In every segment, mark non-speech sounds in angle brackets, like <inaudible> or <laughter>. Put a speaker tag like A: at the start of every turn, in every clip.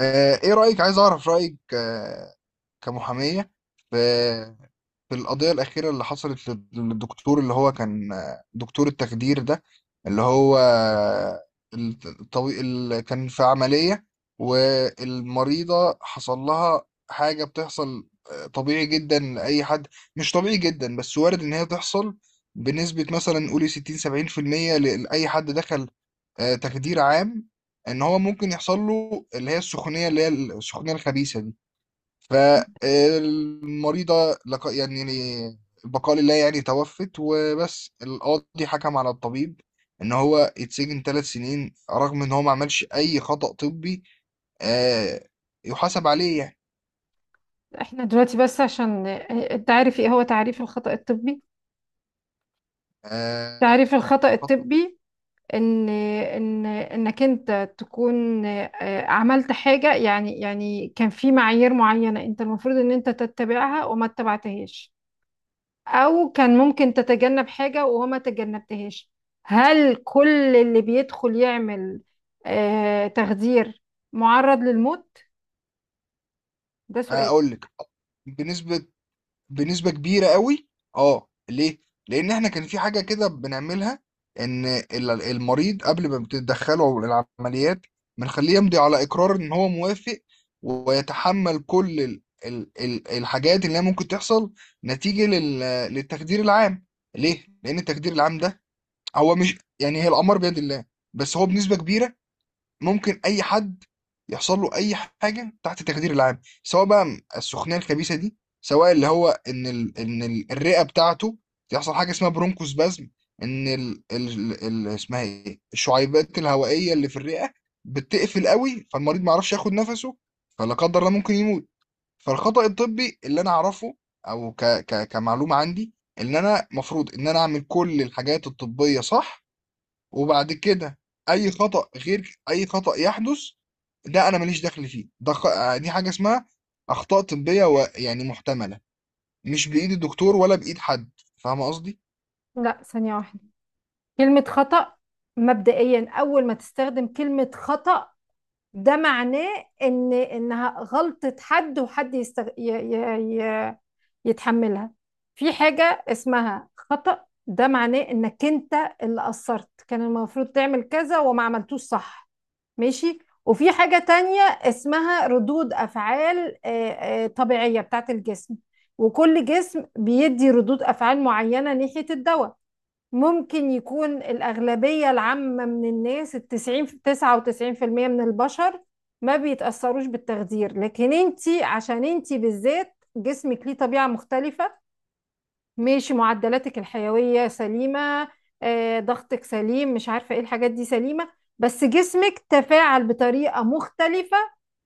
A: ايه رأيك عايز اعرف رأيك، كمحامية في في القضية الأخيرة اللي حصلت للدكتور اللي هو كان دكتور التخدير ده اللي هو اللي كان في عملية، والمريضة حصل لها حاجة بتحصل، طبيعي جدا لأي حد، مش طبيعي جدا بس وارد إن هي تحصل بنسبة مثلا قولي 60 70% لأي حد دخل تخدير عام، ان هو ممكن يحصل له اللي هي السخونيه الخبيثه دي. فالمريضه يعني البقاء لله، يعني توفت. وبس القاضي حكم على الطبيب ان هو يتسجن 3 سنين، رغم ان هو ما عملش اي خطأ طبي آه، يحاسب عليه يعني.
B: احنا دلوقتي بس عشان انت عارف ايه هو تعريف الخطأ الطبي.
A: آه،
B: تعريف الخطأ
A: خطأ-
B: الطبي ان ان انك انت تكون عملت حاجة، يعني كان في معايير معينة انت المفروض ان انت تتبعها وما اتبعتهاش، او كان ممكن تتجنب حاجة وما تجنبتهاش. هل كل اللي بيدخل يعمل تخدير معرض للموت؟ ده سؤال.
A: اقول لك، بنسبة بنسبة كبيرة قوي. اه، ليه؟ لأن احنا كان في حاجة كده بنعملها، إن المريض قبل ما بتدخله العمليات بنخليه يمضي على إقرار إن هو موافق ويتحمل كل ال الحاجات اللي هي ممكن تحصل نتيجة للتخدير العام. ليه؟ لأن التخدير العام ده هو مش، يعني هي الأمر بيد الله، بس هو بنسبة كبيرة ممكن اي حد يحصل له اي حاجه تحت التخدير العام، سواء بقى السخونيه الخبيثه دي، سواء اللي هو ان الرئه بتاعته يحصل حاجه اسمها برونكوسبازم. ان اسمها ايه، الشعيبات الهوائيه اللي في الرئه بتقفل قوي، فالمريض ما يعرفش ياخد نفسه، فلا قدر الله ممكن يموت. فالخطأ الطبي اللي انا اعرفه، او كمعلومه عندي، ان انا مفروض ان انا اعمل كل الحاجات الطبيه صح، وبعد كده اي خطأ، غير اي خطأ يحدث ده انا ماليش دخل فيه، ده خ... آه، دي حاجة اسمها اخطاء طبية يعني محتملة، مش بايد الدكتور ولا بايد حد. فاهمة قصدي؟
B: لا، ثانية واحدة. كلمة خطأ، مبدئيا أول ما تستخدم كلمة خطأ، ده معناه إن إنها غلطة حد وحد يستغ... ي... ي... ي... يتحملها. في حاجة اسمها خطأ، ده معناه إنك أنت اللي قصرت، كان المفروض تعمل كذا وما عملتوش، صح؟ ماشي. وفي حاجة تانية اسمها ردود أفعال طبيعية بتاعت الجسم، وكل جسم بيدي ردود أفعال معينة ناحية الدواء. ممكن يكون الأغلبية العامة من الناس، التسعين تسعة وتسعين في المية من البشر، ما بيتأثروش بالتخدير، لكن انتي عشان انتي بالذات جسمك ليه طبيعة مختلفة. ماشي، معدلاتك الحيوية سليمة، ضغطك سليم، مش عارفة ايه الحاجات دي سليمة، بس جسمك تفاعل بطريقة مختلفة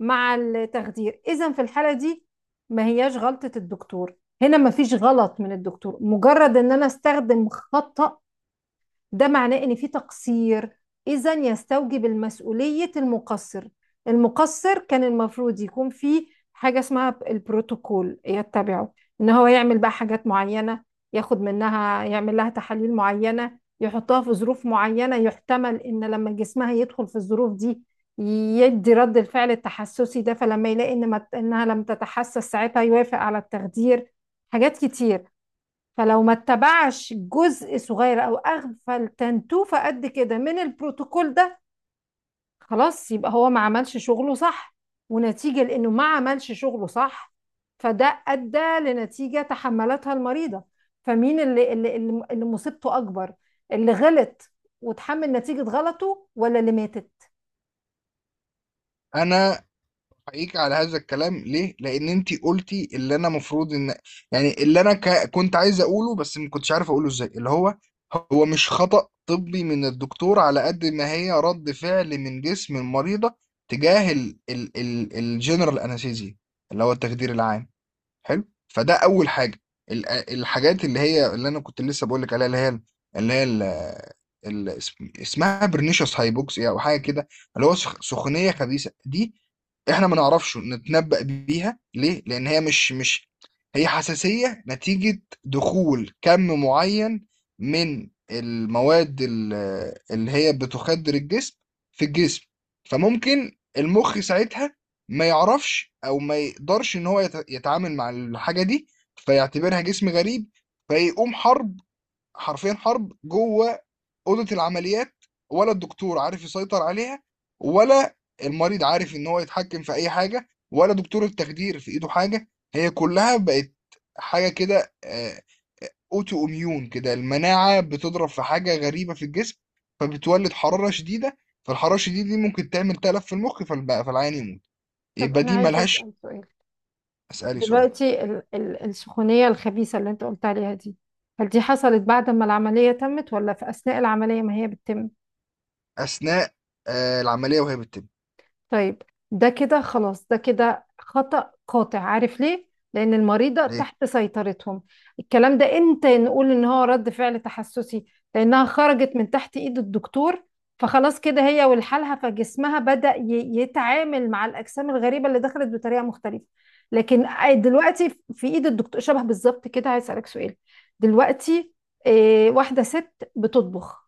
B: مع التخدير. إذا في الحالة دي ما هياش غلطة الدكتور، هنا ما فيش غلط من الدكتور. مجرد ان انا استخدم خطأ، ده معناه ان في تقصير، اذا يستوجب المسؤولية المقصر. المقصر كان المفروض يكون في حاجة اسمها البروتوكول يتبعه، ان هو يعمل بقى حاجات معينة، ياخد منها، يعمل لها تحاليل معينة، يحطها في ظروف معينة، يحتمل ان لما جسمها يدخل في الظروف دي يدي رد الفعل التحسسي ده، فلما يلاقي ان ما انها لم تتحسس ساعتها يوافق على التخدير. حاجات كتير. فلو ما اتبعش جزء صغير او اغفل تنتوفة قد كده من البروتوكول ده، خلاص يبقى هو ما عملش شغله صح، ونتيجة لانه ما عملش شغله صح فده ادى لنتيجة تحملتها المريضة. فمين اللي مصيبته اكبر؟ اللي غلط وتحمل نتيجة غلطه ولا اللي ماتت؟
A: انا حقيقي على هذا الكلام، ليه لان انتي قلتي اللي انا مفروض ان، يعني اللي انا كنت عايز اقوله بس ما كنتش عارف اقوله ازاي، اللي هو هو مش خطأ طبي من الدكتور على قد ما هي رد فعل من جسم المريضة تجاه الجنرال انستيزيا اللي هو التخدير العام. حلو، فده اول حاجه. الحاجات اللي هي اللي انا كنت لسه بقول لك عليها، اللي هي اللي هي ال- ال- اسم- اسمها برنيشس هايبوكسيا او حاجه كده، اللي هو سخونيه خبيثه دي، احنا ما نعرفش نتنبأ بيها. ليه لان هي مش مش هي حساسيه نتيجه دخول كم معين من المواد اللي هي بتخدر الجسم في الجسم. فممكن المخ ساعتها ما يعرفش او ما يقدرش ان هو يتعامل مع الحاجه دي، فيعتبرها جسم غريب، فيقوم حرب، حرفيا حرب جوه اوضه العمليات، ولا الدكتور عارف يسيطر عليها، ولا المريض عارف ان هو يتحكم في اي حاجه، ولا دكتور التخدير في ايده حاجه. هي كلها بقت حاجه كده اوتو اميون كده، المناعه بتضرب في حاجه غريبه في الجسم، فبتولد حراره شديده، فالحراره الشديده دي ممكن تعمل تلف في المخ فالعيان يموت.
B: طب
A: يبقى
B: انا
A: دي
B: عايزة
A: ملهاش.
B: اسأل سؤال.
A: اسالي سؤال.
B: دلوقتي ال السخونية الخبيثة اللي انت قلت عليها دي، هل دي حصلت بعد ما العملية تمت ولا في اثناء العملية ما هي بتتم؟
A: اثناء العمليه وهي بتتم.
B: طيب، ده كده خلاص، ده كده خطأ قاطع. عارف ليه؟ لأن المريضة
A: ليه؟
B: تحت سيطرتهم. الكلام ده امتى نقول إن هو رد فعل تحسسي؟ لأنها خرجت من تحت إيد الدكتور، فخلاص كده هي والحالها، فجسمها بدأ يتعامل مع الأجسام الغريبة اللي دخلت بطريقة مختلفة. لكن دلوقتي في إيد الدكتور شبه بالظبط كده. عايز أسألك سؤال. دلوقتي واحدة ست بتطبخ،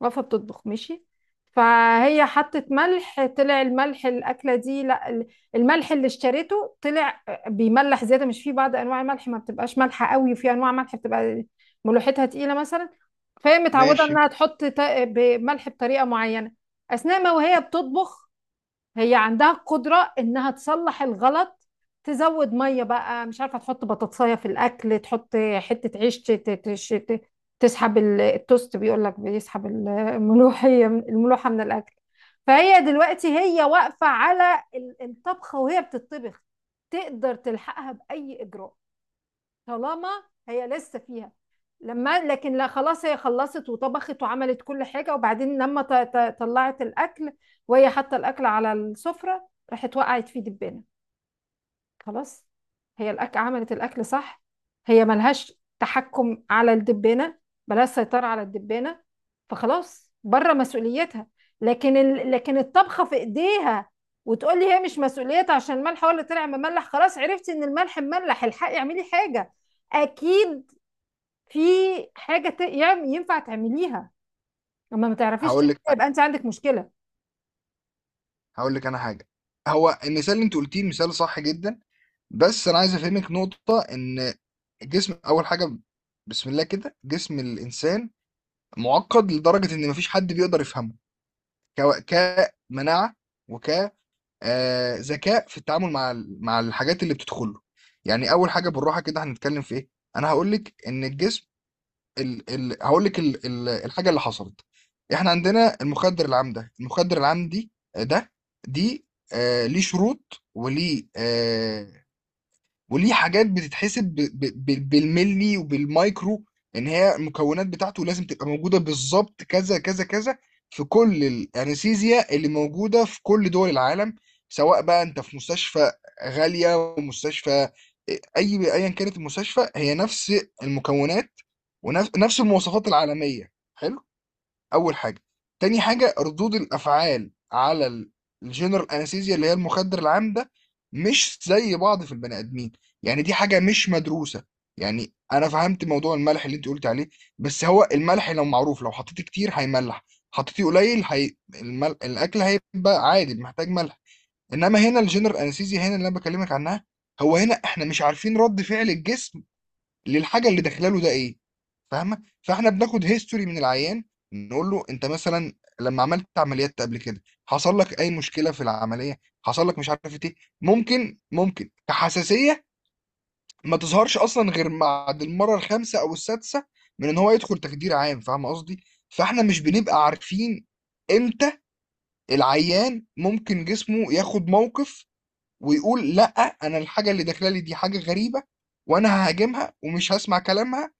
B: واقفة بتطبخ، ماشي. فهي حطت ملح، طلع الملح الأكلة دي، لا ال- الملح اللي اشتريته طلع بيملح زيادة. مش في بعض أنواع الملح ما بتبقاش مالحة قوي، وفي أنواع ملح بتبقى ملوحتها تقيلة مثلا. فهي متعودة
A: ماشي.
B: إنها تحط ملح بطريقة معينة. أثناء ما وهي بتطبخ هي عندها القدرة انها تصلح الغلط، تزود مية بقى، مش عارفة تحط بطاطساية في الاكل، تحط حتة عيش تسحب التوست، بيقول لك بيسحب الملوحة من الاكل. فهي دلوقتي هي واقفة على الطبخة وهي بتطبخ، تقدر تلحقها بأي إجراء طالما هي لسه فيها. لما لكن لا خلاص، هي خلصت وطبخت وعملت كل حاجة، وبعدين لما طلعت الأكل وهي حاطة الأكل على السفرة، راحت وقعت فيه دبانة. خلاص، هي الأكل عملت الأكل صح، هي ملهاش تحكم على الدبانة، ملهاش سيطرة على الدبانة، فخلاص بره مسؤوليتها. لكن لكن الطبخة في إيديها، وتقول لي هي مش مسؤوليتها عشان الملح هو اللي طلع مملح؟ خلاص، عرفتي إن الملح مملح، الحقي اعملي حاجة. أكيد في حاجة ينفع تعمليها، لما ما تعرفيش
A: هقول لك
B: تعمليها يبقى أنت عندك مشكلة.
A: هقول لك انا حاجه. هو المثال اللي انت قلتيه مثال صح جدا، بس انا عايز افهمك نقطه، ان الجسم اول حاجه، بسم الله كده، جسم الانسان معقد لدرجه ان مفيش حد بيقدر يفهمه، كمناعه، وك آه، ذكاء في التعامل مع الحاجات اللي بتدخله. يعني اول حاجه بالراحه كده، هنتكلم في ايه؟ انا هقول لك ان الجسم، ال ال هقول لك ال الحاجه اللي حصلت. احنا عندنا المخدر العام ده، المخدر العام دي ده دي، ليه شروط، وليه حاجات بتتحسب بالملي وبالمايكرو، ان هي المكونات بتاعته لازم تبقى موجوده بالظبط كذا كذا كذا في كل الانستيزيا اللي موجوده في كل دول العالم، سواء بقى انت في مستشفى غاليه ومستشفى، ايا كانت المستشفى هي نفس المكونات، ونفس المواصفات العالميه. حلو، أول حاجة. تاني حاجة، ردود الأفعال على الجنرال أنستيزيا اللي هي المخدر العام ده مش زي بعض في البني آدمين، يعني دي حاجة مش مدروسة. يعني أنا فهمت موضوع الملح اللي أنت قلت عليه، بس هو الملح لو معروف، لو حطيتيه كتير هيملح، حطيتيه قليل الأكل هيبقى عادي محتاج ملح. إنما هنا الجنرال أنستيزيا، هنا اللي أنا بكلمك عنها، هو هنا إحنا مش عارفين رد فعل الجسم للحاجه اللي داخله له ده ايه. فاهمه؟ فاحنا بناخد هيستوري من العيان، نقول له انت مثلا لما عملت عمليات قبل كده حصل لك اي مشكله في العمليه، حصل لك مش عارف ايه. ممكن كحساسيه ما تظهرش اصلا غير بعد المره الخامسه او السادسه من ان هو يدخل تخدير عام. فاهم قصدي؟ فاحنا مش بنبقى عارفين امتى العيان ممكن جسمه ياخد موقف ويقول لا، انا الحاجه اللي داخله لي دي حاجه غريبه وانا ههاجمها ومش هسمع كلامها،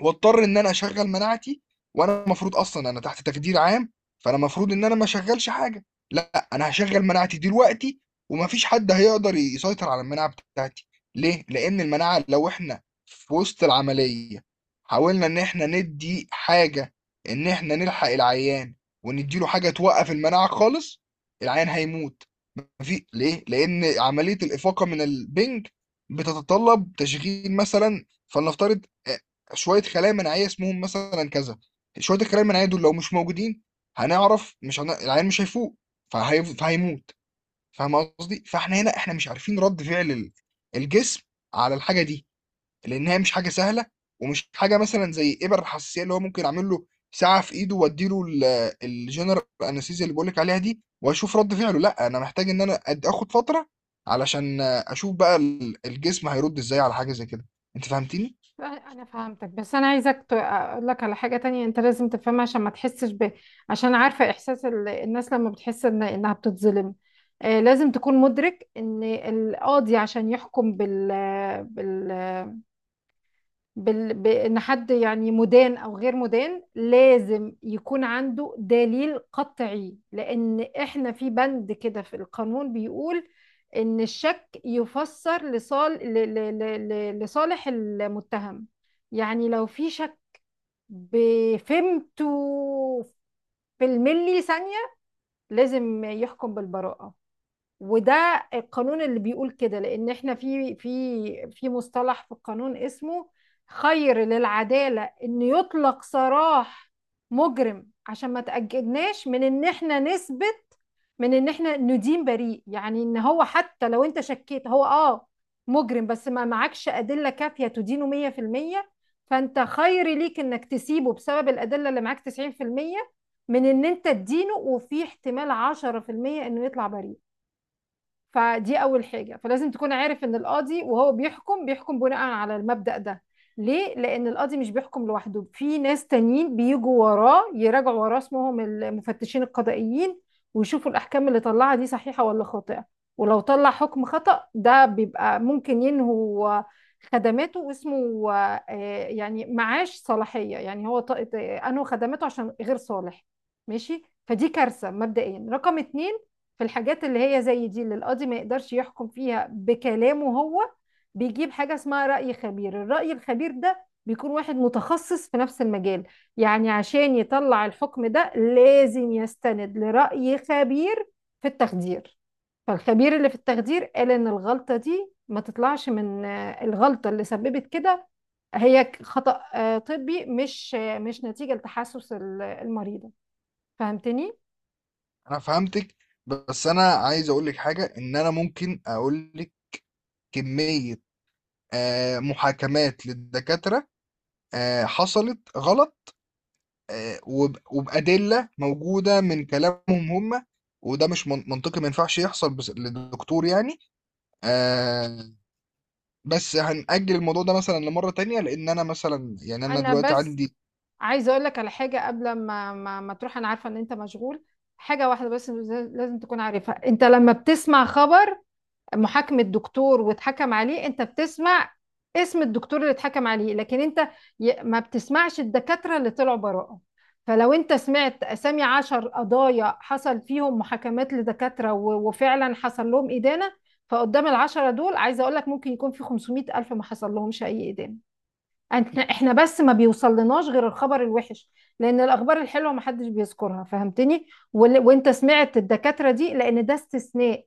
A: واضطر ان انا اشغل مناعتي، وانا المفروض اصلا انا تحت تخدير عام، فانا المفروض ان انا ما اشغلش حاجه. لا، انا هشغل مناعتي دلوقتي، ومفيش حد هيقدر يسيطر على المناعه بتاعتي. ليه؟ لان المناعه لو احنا في وسط العمليه حاولنا ان احنا ندي حاجه، ان احنا نلحق العيان ونديله حاجه توقف المناعه خالص، العيان هيموت. ليه؟ لان عمليه الافاقه من البنج بتتطلب تشغيل مثلا، فلنفترض، شويه خلايا مناعيه اسمهم مثلا كذا. شويه الخلايا المناعيه دول لو مش موجودين هنعرف مش هن... العيان مش هيفوق، فهيموت. فاهم قصدي؟ فاحنا هنا احنا مش عارفين رد فعل الجسم على الحاجه دي، لان هي مش حاجه سهله، ومش حاجه مثلا زي ابر الحساسيه اللي هو ممكن اعمل له ساعه في ايده واديله الجنرال انستيزيا اللي بقولك عليها دي واشوف رد فعله. لا، انا محتاج ان انا اخد فتره علشان اشوف بقى الجسم هيرد ازاي على حاجه زي كده. انت فهمتني؟
B: انا فهمتك بس انا عايزك اقول لك على حاجه تانية انت لازم تفهمها عشان ما تحسش ب، عشان عارفه احساس الناس لما بتحس انها بتتظلم. آه، لازم تكون مدرك ان القاضي عشان يحكم بال... بان حد يعني مدان او غير مدان، لازم يكون عنده دليل قطعي. لان احنا في بند كده في القانون بيقول ان الشك يفسر لصالح المتهم. يعني لو في شك بفهمته في الملي ثانية، لازم يحكم بالبراءة. وده القانون اللي بيقول كده، لان احنا في في مصطلح في القانون اسمه خير للعدالة ان يطلق سراح مجرم عشان ما تأجلناش من ان احنا نثبت، من ان احنا ندين بريء. يعني ان هو حتى لو انت شكيت هو اه مجرم، بس ما معكش أدلة كافية تدينه 100%، فانت خير ليك انك تسيبه بسبب الأدلة اللي معاك 90% من ان انت تدينه، وفي احتمال 10% انه يطلع بريء. فدي اول حاجه. فلازم تكون عارف ان القاضي وهو بيحكم بيحكم بناء على المبدأ ده. ليه؟ لان القاضي مش بيحكم لوحده، في ناس تانيين بيجوا وراه يراجعوا وراه اسمهم المفتشين القضائيين، ويشوفوا الاحكام اللي طلعها دي صحيحه ولا خاطئه. ولو طلع حكم خطأ ده بيبقى ممكن ينهوا خدماته واسمه يعني معاش صلاحيه. يعني هو انهوا خدماته عشان غير صالح. ماشي، فدي كارثه مبدئيا. رقم اتنين، في الحاجات اللي هي زي دي اللي القاضي ما يقدرش يحكم فيها بكلامه هو، بيجيب حاجة اسمها رأي خبير. الرأي الخبير ده بيكون واحد متخصص في نفس المجال. يعني عشان يطلع الحكم ده لازم يستند لرأي خبير في التخدير. فالخبير اللي في التخدير قال ان الغلطة دي ما تطلعش من الغلطة اللي سببت كده، هي خطأ طبي، مش نتيجة لتحسس المريضة. فهمتني؟
A: انا فهمتك، بس انا عايز اقول لك حاجه، ان انا ممكن اقول لك كميه محاكمات للدكاتره حصلت غلط، وبادله موجوده من كلامهم هم، وده مش منطقي، ما ينفعش يحصل بس للدكتور يعني. آه، بس هنأجل الموضوع ده مثلا لمره تانية، لان انا مثلا يعني انا
B: انا
A: دلوقتي
B: بس
A: عندي.
B: عايزه اقول لك على حاجه قبل ما تروح، انا عارفه ان انت مشغول. حاجه واحده بس لازم تكون عارفها. انت لما بتسمع خبر محاكمه دكتور واتحكم عليه، انت بتسمع اسم الدكتور اللي اتحكم عليه، لكن انت ما بتسمعش الدكاتره اللي طلعوا براءه. فلو انت سمعت اسامي عشر قضايا حصل فيهم محاكمات لدكاتره وفعلا حصل لهم ادانه، فقدام العشرة دول عايزه اقول لك ممكن يكون في 500 الف ما حصل لهمش اي ادانه. احنا بس ما بيوصلناش غير الخبر الوحش، لان الاخبار الحلوه ما حدش بيذكرها. فهمتني؟ وانت سمعت الدكاتره دي لان ده استثناء،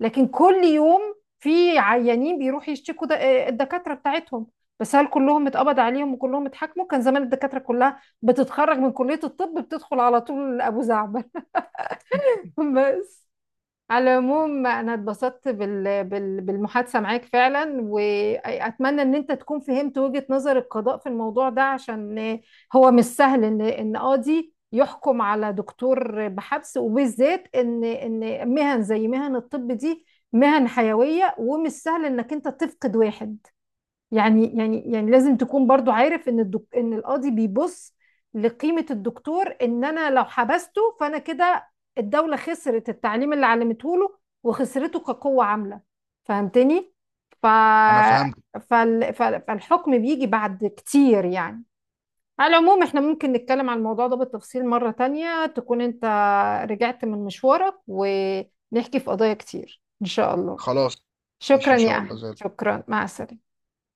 B: لكن كل يوم في عيانين بيروحوا يشتكوا الدكاتره بتاعتهم. بس هل كلهم اتقبض عليهم وكلهم اتحاكموا؟ كان زمان الدكاتره كلها بتتخرج من كليه الطب بتدخل على طول ابو زعبل. <laughs> بس على العموم انا اتبسطت بالمحادثة معاك فعلا، واتمنى ان انت تكون فهمت وجهة نظر القضاء في الموضوع ده، عشان هو مش سهل ان ان قاضي يحكم على دكتور بحبس، وبالذات ان ان مهن زي مهن الطب دي مهن حيوية، ومش سهل انك انت تفقد واحد. يعني لازم تكون برضو عارف ان القاضي بيبص لقيمة الدكتور، ان انا لو حبسته فانا كده الدولة خسرت التعليم اللي علمته له وخسرته كقوة عاملة. فهمتني؟ ف...
A: انا فهمت.
B: فالحكم بيجي بعد كتير يعني. على العموم احنا ممكن نتكلم عن الموضوع ده بالتفصيل مرة تانية، تكون انت رجعت من مشوارك، ونحكي في قضايا كتير ان شاء الله.
A: خلاص، ماشي
B: شكرا
A: ان
B: يا
A: شاء الله
B: احمد،
A: زي
B: شكرا، مع السلامة.